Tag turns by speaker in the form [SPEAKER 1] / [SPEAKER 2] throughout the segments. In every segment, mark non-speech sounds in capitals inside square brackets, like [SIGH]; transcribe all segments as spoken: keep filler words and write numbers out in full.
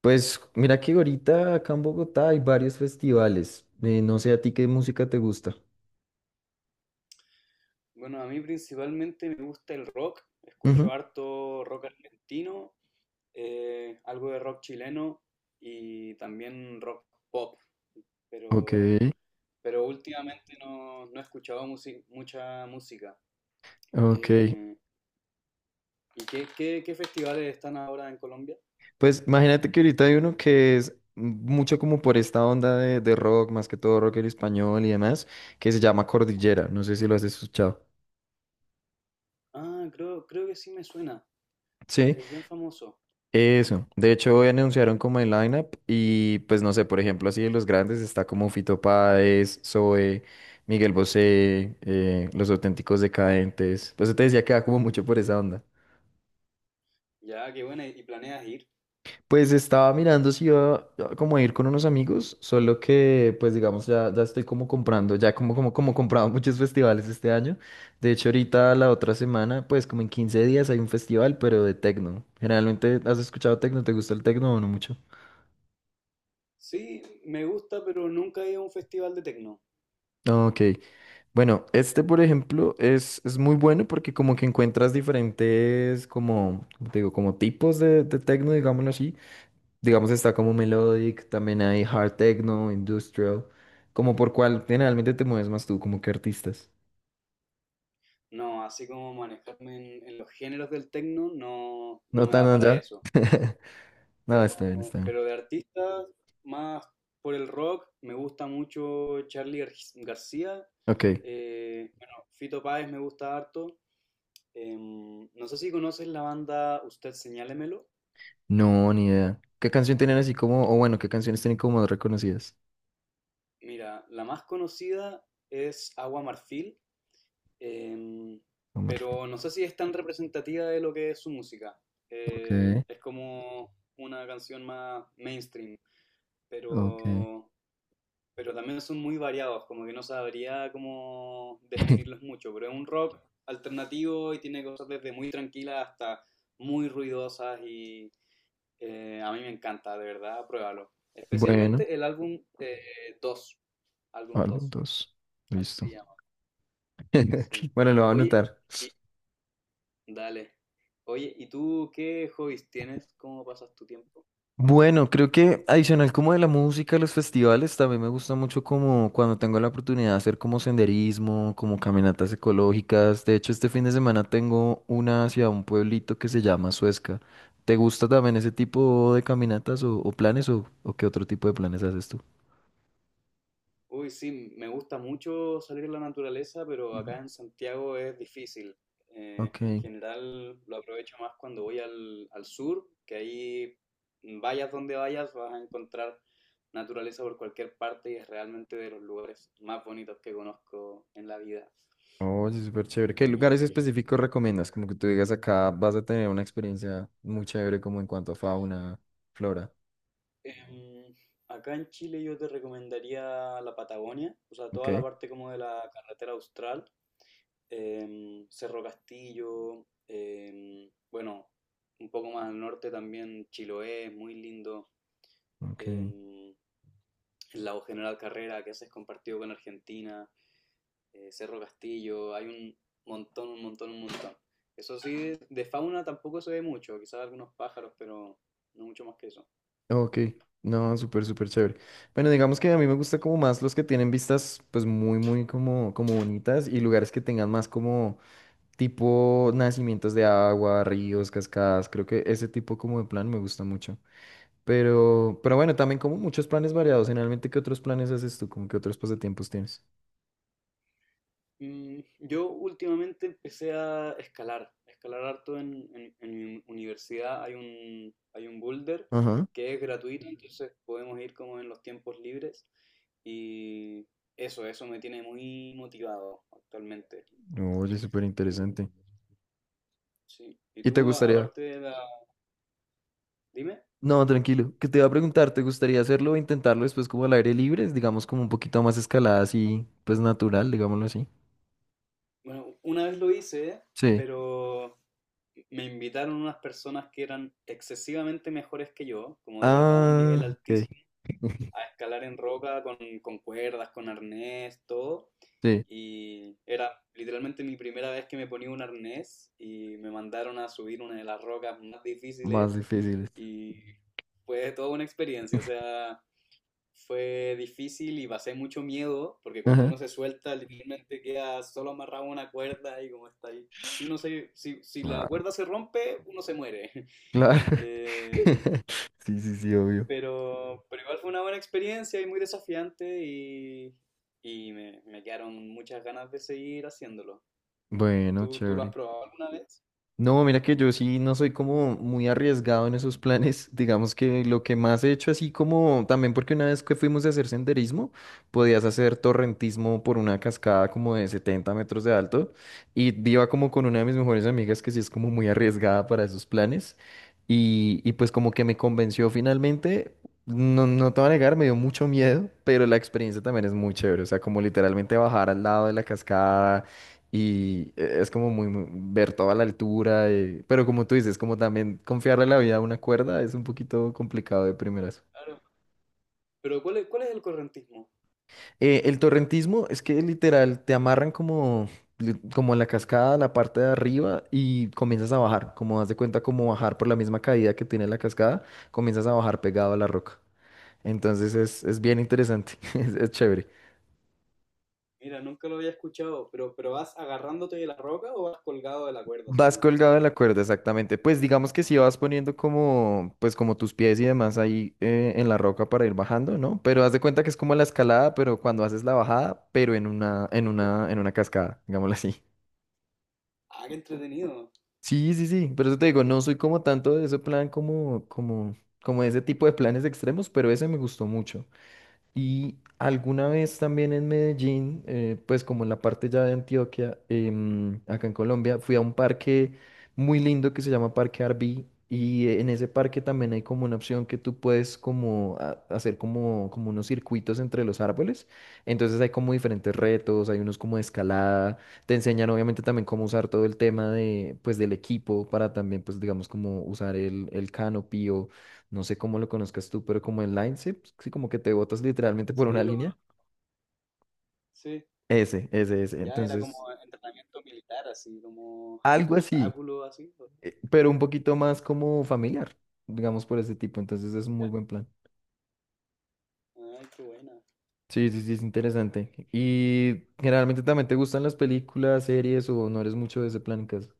[SPEAKER 1] Pues mira que ahorita acá en Bogotá hay varios festivales. Eh, no sé a ti qué música te gusta.
[SPEAKER 2] Bueno, a mí principalmente me gusta el rock, escucho
[SPEAKER 1] Ujú.
[SPEAKER 2] harto rock argentino, eh, algo de rock chileno y también rock pop,
[SPEAKER 1] Ok,
[SPEAKER 2] pero, pero últimamente no, no he escuchado musi- mucha música.
[SPEAKER 1] ok.
[SPEAKER 2] Eh, ¿Y qué, qué- qué festivales están ahora en Colombia?
[SPEAKER 1] Pues imagínate que ahorita hay uno que es mucho como por esta onda de, de rock, más que todo rock en español y demás, que se llama Cordillera. No sé si lo has escuchado.
[SPEAKER 2] Ah, creo, creo que sí me suena,
[SPEAKER 1] Sí.
[SPEAKER 2] es bien famoso.
[SPEAKER 1] Eso, de hecho hoy anunciaron como el lineup y pues no sé, por ejemplo, así de los grandes está como Fito Páez, Zoe, Miguel Bosé, eh, Los Auténticos Decadentes. Pues yo te decía que va como mucho por esa onda.
[SPEAKER 2] Ya, qué buena, ¿y planeas ir?
[SPEAKER 1] Pues estaba mirando si iba a- como a ir con unos amigos, solo que pues digamos ya, ya estoy como comprando, ya como, como, como comprado [LAUGHS] muchos festivales este año. De hecho ahorita la otra semana, pues como en quince días hay un festival, pero de tecno. Generalmente, ¿has escuchado tecno? ¿Te gusta el tecno o no mucho?
[SPEAKER 2] Sí, me gusta, pero nunca he ido a un festival de tecno.
[SPEAKER 1] Ok. Bueno, este, por ejemplo, es, es muy bueno porque como que encuentras diferentes, como, como te digo, como tipos de, de techno, digámoslo así. Digamos, está como melodic, también hay hard techno, industrial, como por cuál generalmente te mueves más tú, como que artistas.
[SPEAKER 2] No, así como manejarme en, en los géneros del techno no,
[SPEAKER 1] No
[SPEAKER 2] no me
[SPEAKER 1] tan
[SPEAKER 2] da para
[SPEAKER 1] allá.
[SPEAKER 2] eso.
[SPEAKER 1] No,
[SPEAKER 2] Pero,
[SPEAKER 1] está bien, está bien.
[SPEAKER 2] pero de artistas, más por el rock, me gusta mucho Charlie Gar- García.
[SPEAKER 1] Ok.
[SPEAKER 2] Eh, bueno, Fito Páez me gusta harto. Em, no sé si conoces la banda Usted Señálemelo.
[SPEAKER 1] No, ni idea. ¿Qué canción tienen así como, o bueno, qué canciones tienen como más reconocidas?
[SPEAKER 2] Mira, la más conocida es Agua Marfil. Em,
[SPEAKER 1] No me.
[SPEAKER 2] pero no sé si es tan representativa de lo que es su música.
[SPEAKER 1] Ok,
[SPEAKER 2] Eh, es como una canción más mainstream,
[SPEAKER 1] ok.
[SPEAKER 2] pero, pero también son muy variados, como que no sabría cómo definirlos
[SPEAKER 1] [LAUGHS]
[SPEAKER 2] mucho, pero es un rock alternativo y tiene cosas desde muy tranquilas hasta muy ruidosas y eh, a mí me encanta, de verdad, pruébalo.
[SPEAKER 1] Bueno,
[SPEAKER 2] Especialmente el álbum eh, dos álbum
[SPEAKER 1] álbum
[SPEAKER 2] dos
[SPEAKER 1] dos.
[SPEAKER 2] así
[SPEAKER 1] Listo.
[SPEAKER 2] se llama, sí.
[SPEAKER 1] [LAUGHS] Bueno, lo voy a
[SPEAKER 2] Oye,
[SPEAKER 1] anotar.
[SPEAKER 2] y, dale. Oye, ¿y tú qué hobbies tienes? ¿Cómo pasas tu tiempo?
[SPEAKER 1] Bueno, creo que adicional como de la música, los festivales, también me gusta mucho como cuando tengo la oportunidad de hacer como senderismo, como caminatas ecológicas. De hecho, este fin de semana tengo una hacia un pueblito que se llama Suezca. ¿Te gusta también ese tipo de caminatas o, o planes o, o qué otro tipo de planes haces tú?
[SPEAKER 2] Uy, sí, me gusta mucho salir a la naturaleza, pero
[SPEAKER 1] Ujú.
[SPEAKER 2] acá en Santiago es difícil. Eh,
[SPEAKER 1] Ok.
[SPEAKER 2] en general lo aprovecho más cuando voy al, al sur, que ahí vayas donde vayas vas a encontrar naturaleza por cualquier parte y es realmente de los lugares más bonitos que conozco en la vida.
[SPEAKER 1] Oye, súper chévere. ¿Qué lugares específicos recomiendas? Como que tú digas acá vas a tener una experiencia muy chévere como en cuanto a fauna, flora.
[SPEAKER 2] Em, acá en Chile yo te recomendaría la Patagonia, o sea, toda la
[SPEAKER 1] Ok.
[SPEAKER 2] parte como de la carretera austral. Em, Cerro Castillo, em, bueno, un poco más al norte también Chiloé, muy lindo.
[SPEAKER 1] Ok.
[SPEAKER 2] Em, el lago General Carrera, que ese es compartido con Argentina. Eh, Cerro Castillo, hay un montón, un montón, un montón. Eso sí, de fauna tampoco se ve mucho, quizás algunos pájaros, pero no mucho más que eso.
[SPEAKER 1] Ok, no, súper, súper chévere. Bueno, digamos que a mí me gusta como más los que tienen vistas pues muy, muy como, como bonitas y lugares que tengan más como tipo nacimientos de agua, ríos, cascadas. Creo que ese tipo como de plan me gusta mucho. Pero, pero bueno, también como muchos planes variados. Generalmente, ¿qué otros planes haces tú? ¿Cómo qué otros pasatiempos tienes?
[SPEAKER 2] Mm, yo últimamente empecé a escalar, a escalar harto en, en- en mi universidad. Hay un, hay un boulder
[SPEAKER 1] Ajá.
[SPEAKER 2] que es gratuito. Mm, entonces podemos ir como en los tiempos libres. Y eso, eso me tiene muy motivado actualmente.
[SPEAKER 1] Oye, súper interesante.
[SPEAKER 2] Em, sí. ¿Y
[SPEAKER 1] ¿Y te
[SPEAKER 2] tú, a-
[SPEAKER 1] gustaría?
[SPEAKER 2] aparte de la... ¿Dime?
[SPEAKER 1] No, tranquilo. Que te iba a preguntar, ¿te gustaría hacerlo o intentarlo después como al aire libre? Digamos como un poquito más escalada así, pues natural, digámoslo así.
[SPEAKER 2] Bueno, una vez lo hice,
[SPEAKER 1] Sí.
[SPEAKER 2] pero me invitaron unas personas que eran excesivamente mejores que yo, como de verdad un nivel
[SPEAKER 1] Ah, ok.
[SPEAKER 2] altísimo
[SPEAKER 1] [LAUGHS]
[SPEAKER 2] a escalar en roca con, con cuerdas, con arnés, todo.
[SPEAKER 1] Sí,
[SPEAKER 2] Y era literalmente mi primera vez que me ponía un arnés y me mandaron a subir una de las rocas más
[SPEAKER 1] más
[SPEAKER 2] difíciles
[SPEAKER 1] difíciles.
[SPEAKER 2] y fue toda una experiencia, o sea, fue difícil y pasé mucho miedo porque cuando
[SPEAKER 1] Ajá.
[SPEAKER 2] uno se suelta literalmente queda solo amarrado a una cuerda y como está ahí. Si, uno se, si, si la
[SPEAKER 1] Claro.
[SPEAKER 2] cuerda se rompe, uno se muere. [LAUGHS]
[SPEAKER 1] Claro.
[SPEAKER 2] Eh,
[SPEAKER 1] [LAUGHS] Sí, sí, sí, obvio.
[SPEAKER 2] pero, pero igual fue una buena experiencia y muy desafiante y, y me, me quedaron muchas ganas de seguir haciéndolo.
[SPEAKER 1] Bueno,
[SPEAKER 2] ¿Tú, tú lo has
[SPEAKER 1] chévere.
[SPEAKER 2] probado alguna vez?
[SPEAKER 1] No, mira que yo sí no soy como muy arriesgado en esos planes. [LAUGHS] Digamos que lo que más he hecho así como también porque una vez que fuimos a hacer senderismo, podías hacer torrentismo por una cascada como de setenta metros de alto y iba como con una de mis mejores amigas que sí es como muy arriesgada para esos planes y, y pues como que me convenció finalmente. No, no te voy a negar, me dio mucho miedo, pero la experiencia también es muy chévere. O sea, como literalmente bajar al lado de la cascada y eh, es como muy, muy- ver toda la altura, eh, pero como tú dices, como también confiarle la vida a una cuerda es un poquito complicado de primeras.
[SPEAKER 2] Claro. Pero ¿cuál es, cuál es el correntismo?
[SPEAKER 1] Eh, el torrentismo es que literal te amarran como, li- como en la cascada, la parte de arriba y comienzas a bajar, como haz de cuenta como bajar por la misma caída que tiene la cascada, comienzas a bajar pegado a la roca. Entonces es, es bien interesante, [LAUGHS] es es chévere.
[SPEAKER 2] Mira, nunca lo había escuchado, pero, pero ¿vas agarrándote de la roca o vas colgado de la cuerda
[SPEAKER 1] Vas
[SPEAKER 2] solamente?
[SPEAKER 1] colgado de la cuerda, exactamente. Pues digamos que sí vas poniendo como, pues como tus pies y demás ahí eh, en la roca para ir bajando, ¿no? Pero haz de cuenta que es como la escalada, pero cuando haces la bajada, pero en una, en
[SPEAKER 2] Ya.
[SPEAKER 1] una, en una cascada, digámoslo así.
[SPEAKER 2] Ah, qué entretenido.
[SPEAKER 1] Sí, sí, sí. Por eso te digo, no soy como tanto de ese plan como, como, como de ese tipo de planes extremos, pero ese me gustó mucho. Y alguna vez también en Medellín, eh, pues como en la parte ya de Antioquia, em, acá en Colombia, fui a un parque muy lindo que se llama Parque Arví. Y eh, en ese parque también hay como una opción que tú puedes como a- hacer como, como unos circuitos entre los árboles. Entonces hay como diferentes retos, hay unos como de escalada. Te enseñan obviamente también cómo usar todo el tema de, pues, del equipo para también, pues digamos, como usar el, el canopy no sé cómo lo conozcas tú, pero como el line sí, sí, como que te botas literalmente por
[SPEAKER 2] Sí,
[SPEAKER 1] una
[SPEAKER 2] lo
[SPEAKER 1] línea.
[SPEAKER 2] conozco. Sí.
[SPEAKER 1] Ese, ese, ese.
[SPEAKER 2] Ya era
[SPEAKER 1] Entonces,
[SPEAKER 2] como entrenamiento militar, así, como
[SPEAKER 1] algo así,
[SPEAKER 2] obstáculo, así.
[SPEAKER 1] eh, pero un poquito más como familiar, digamos por ese tipo. Entonces es un
[SPEAKER 2] Ya.
[SPEAKER 1] muy buen plan.
[SPEAKER 2] Ay, qué buena.
[SPEAKER 1] Sí, sí, sí, es interesante. ¿Y generalmente también te gustan las películas, series o no eres mucho de ese plan en casa?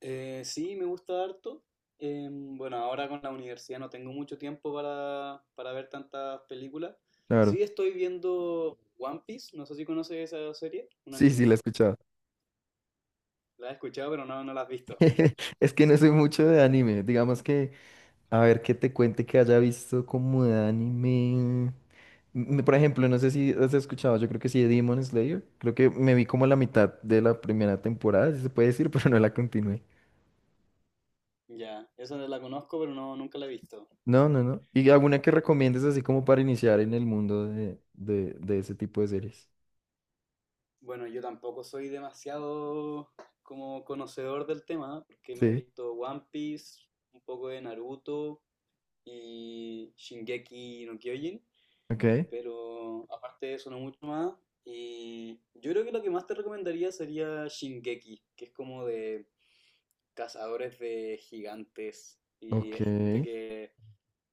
[SPEAKER 2] Eh, sí, me gusta harto. Eh, bueno, ahora con la universidad no tengo mucho tiempo para, para ver tantas películas.
[SPEAKER 1] Claro.
[SPEAKER 2] Sí, estoy viendo One Piece, no sé si conoces esa serie, un
[SPEAKER 1] Sí, sí,
[SPEAKER 2] anime.
[SPEAKER 1] la he escuchado.
[SPEAKER 2] La he escuchado, pero no, no la has visto.
[SPEAKER 1] [LAUGHS] Es que no soy mucho de anime. Digamos que, a ver, que te cuente que haya visto como de anime. Mm, Por ejemplo, no sé si has escuchado, yo creo que sí, de Demon Slayer. Creo que me vi como la mitad de la primera temporada, si se puede decir, [LAUGHS] pero no la continué.
[SPEAKER 2] Ya, esa la conozco, pero no, nunca la he visto.
[SPEAKER 1] No, no, no. ¿Y alguna que
[SPEAKER 2] Y,
[SPEAKER 1] recomiendes así como para iniciar en el mundo de, de, de ese tipo de series?
[SPEAKER 2] bueno, yo tampoco soy demasiado como conocedor del tema, porque me he
[SPEAKER 1] Sí,
[SPEAKER 2] visto One Piece, un poco de Naruto y Shingeki no Kyojin.
[SPEAKER 1] ok,
[SPEAKER 2] Pero aparte de eso, no mucho más. Y yo creo que lo que más te recomendaría sería Shingeki, que es como de cazadores de gigantes. Y
[SPEAKER 1] ok,
[SPEAKER 2] es gente que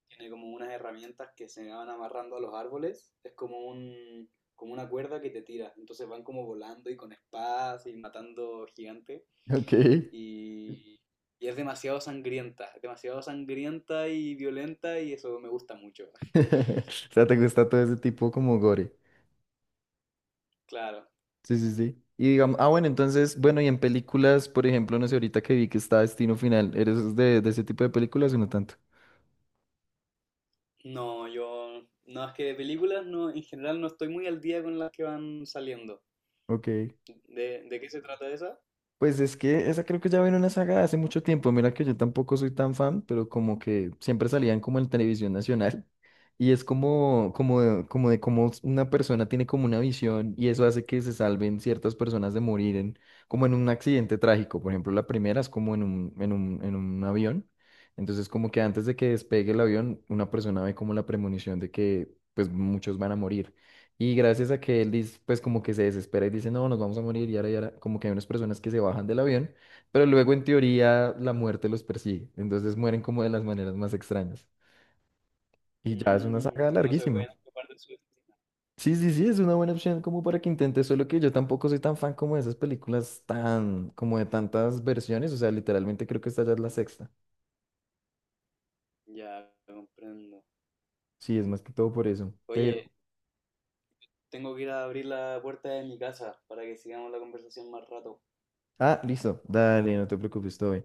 [SPEAKER 2] tiene como unas herramientas que se van amarrando a los árboles. Es como un, como una cuerda que te tira. Entonces van como volando y con espadas y matando gigantes.
[SPEAKER 1] ok.
[SPEAKER 2] Y, y es demasiado sangrienta, es demasiado sangrienta y violenta y eso me gusta mucho. [LAUGHS]
[SPEAKER 1] [LAUGHS] O sea, ¿te gusta todo ese tipo como gore?
[SPEAKER 2] Claro.
[SPEAKER 1] Sí, sí, sí. Y digamos, ah, bueno, entonces, bueno, y en películas, por ejemplo, no sé, ahorita que vi que está Destino Final, ¿eres de, de ese tipo de películas o no tanto?
[SPEAKER 2] No, yo, no, es que de películas no, en general no estoy muy al día con las que van saliendo.
[SPEAKER 1] Ok.
[SPEAKER 2] ¿De, de qué se trata esa?
[SPEAKER 1] Pues es que esa creo que ya viene una saga de hace mucho tiempo. Mira que yo tampoco soy tan fan, pero como que siempre salían como en televisión nacional. [LAUGHS] Y es como, como, de- como de cómo una persona tiene como una visión y eso hace que se salven ciertas personas de morir en, como en un accidente trágico. Por ejemplo, la primera es como en un, en un, en un avión. Entonces como que antes de que despegue el avión, una persona ve como la premonición de que pues muchos van a morir. Y gracias a que él dice, pues como que se desespera y dice, no, nos vamos a morir, y ahora, y ahora, como que hay unas personas que se bajan del avión, pero luego en teoría la muerte los persigue, entonces mueren como de las maneras más extrañas. Y ya es una
[SPEAKER 2] Mm,
[SPEAKER 1] saga
[SPEAKER 2] no se
[SPEAKER 1] larguísima.
[SPEAKER 2] pueden ocupar de su destino.
[SPEAKER 1] Sí, sí, sí, es una buena opción como para que intentes, solo que yo tampoco soy tan fan como de esas películas tan, como de tantas versiones, o sea, literalmente creo que esta ya es la sexta.
[SPEAKER 2] Ya, comprendo.
[SPEAKER 1] Sí, es más que todo por eso, pero...
[SPEAKER 2] Oye, tengo que ir a abrir la puerta de mi casa para que sigamos la conversación más rato.
[SPEAKER 1] Ah, listo, dale, no te preocupes, estoy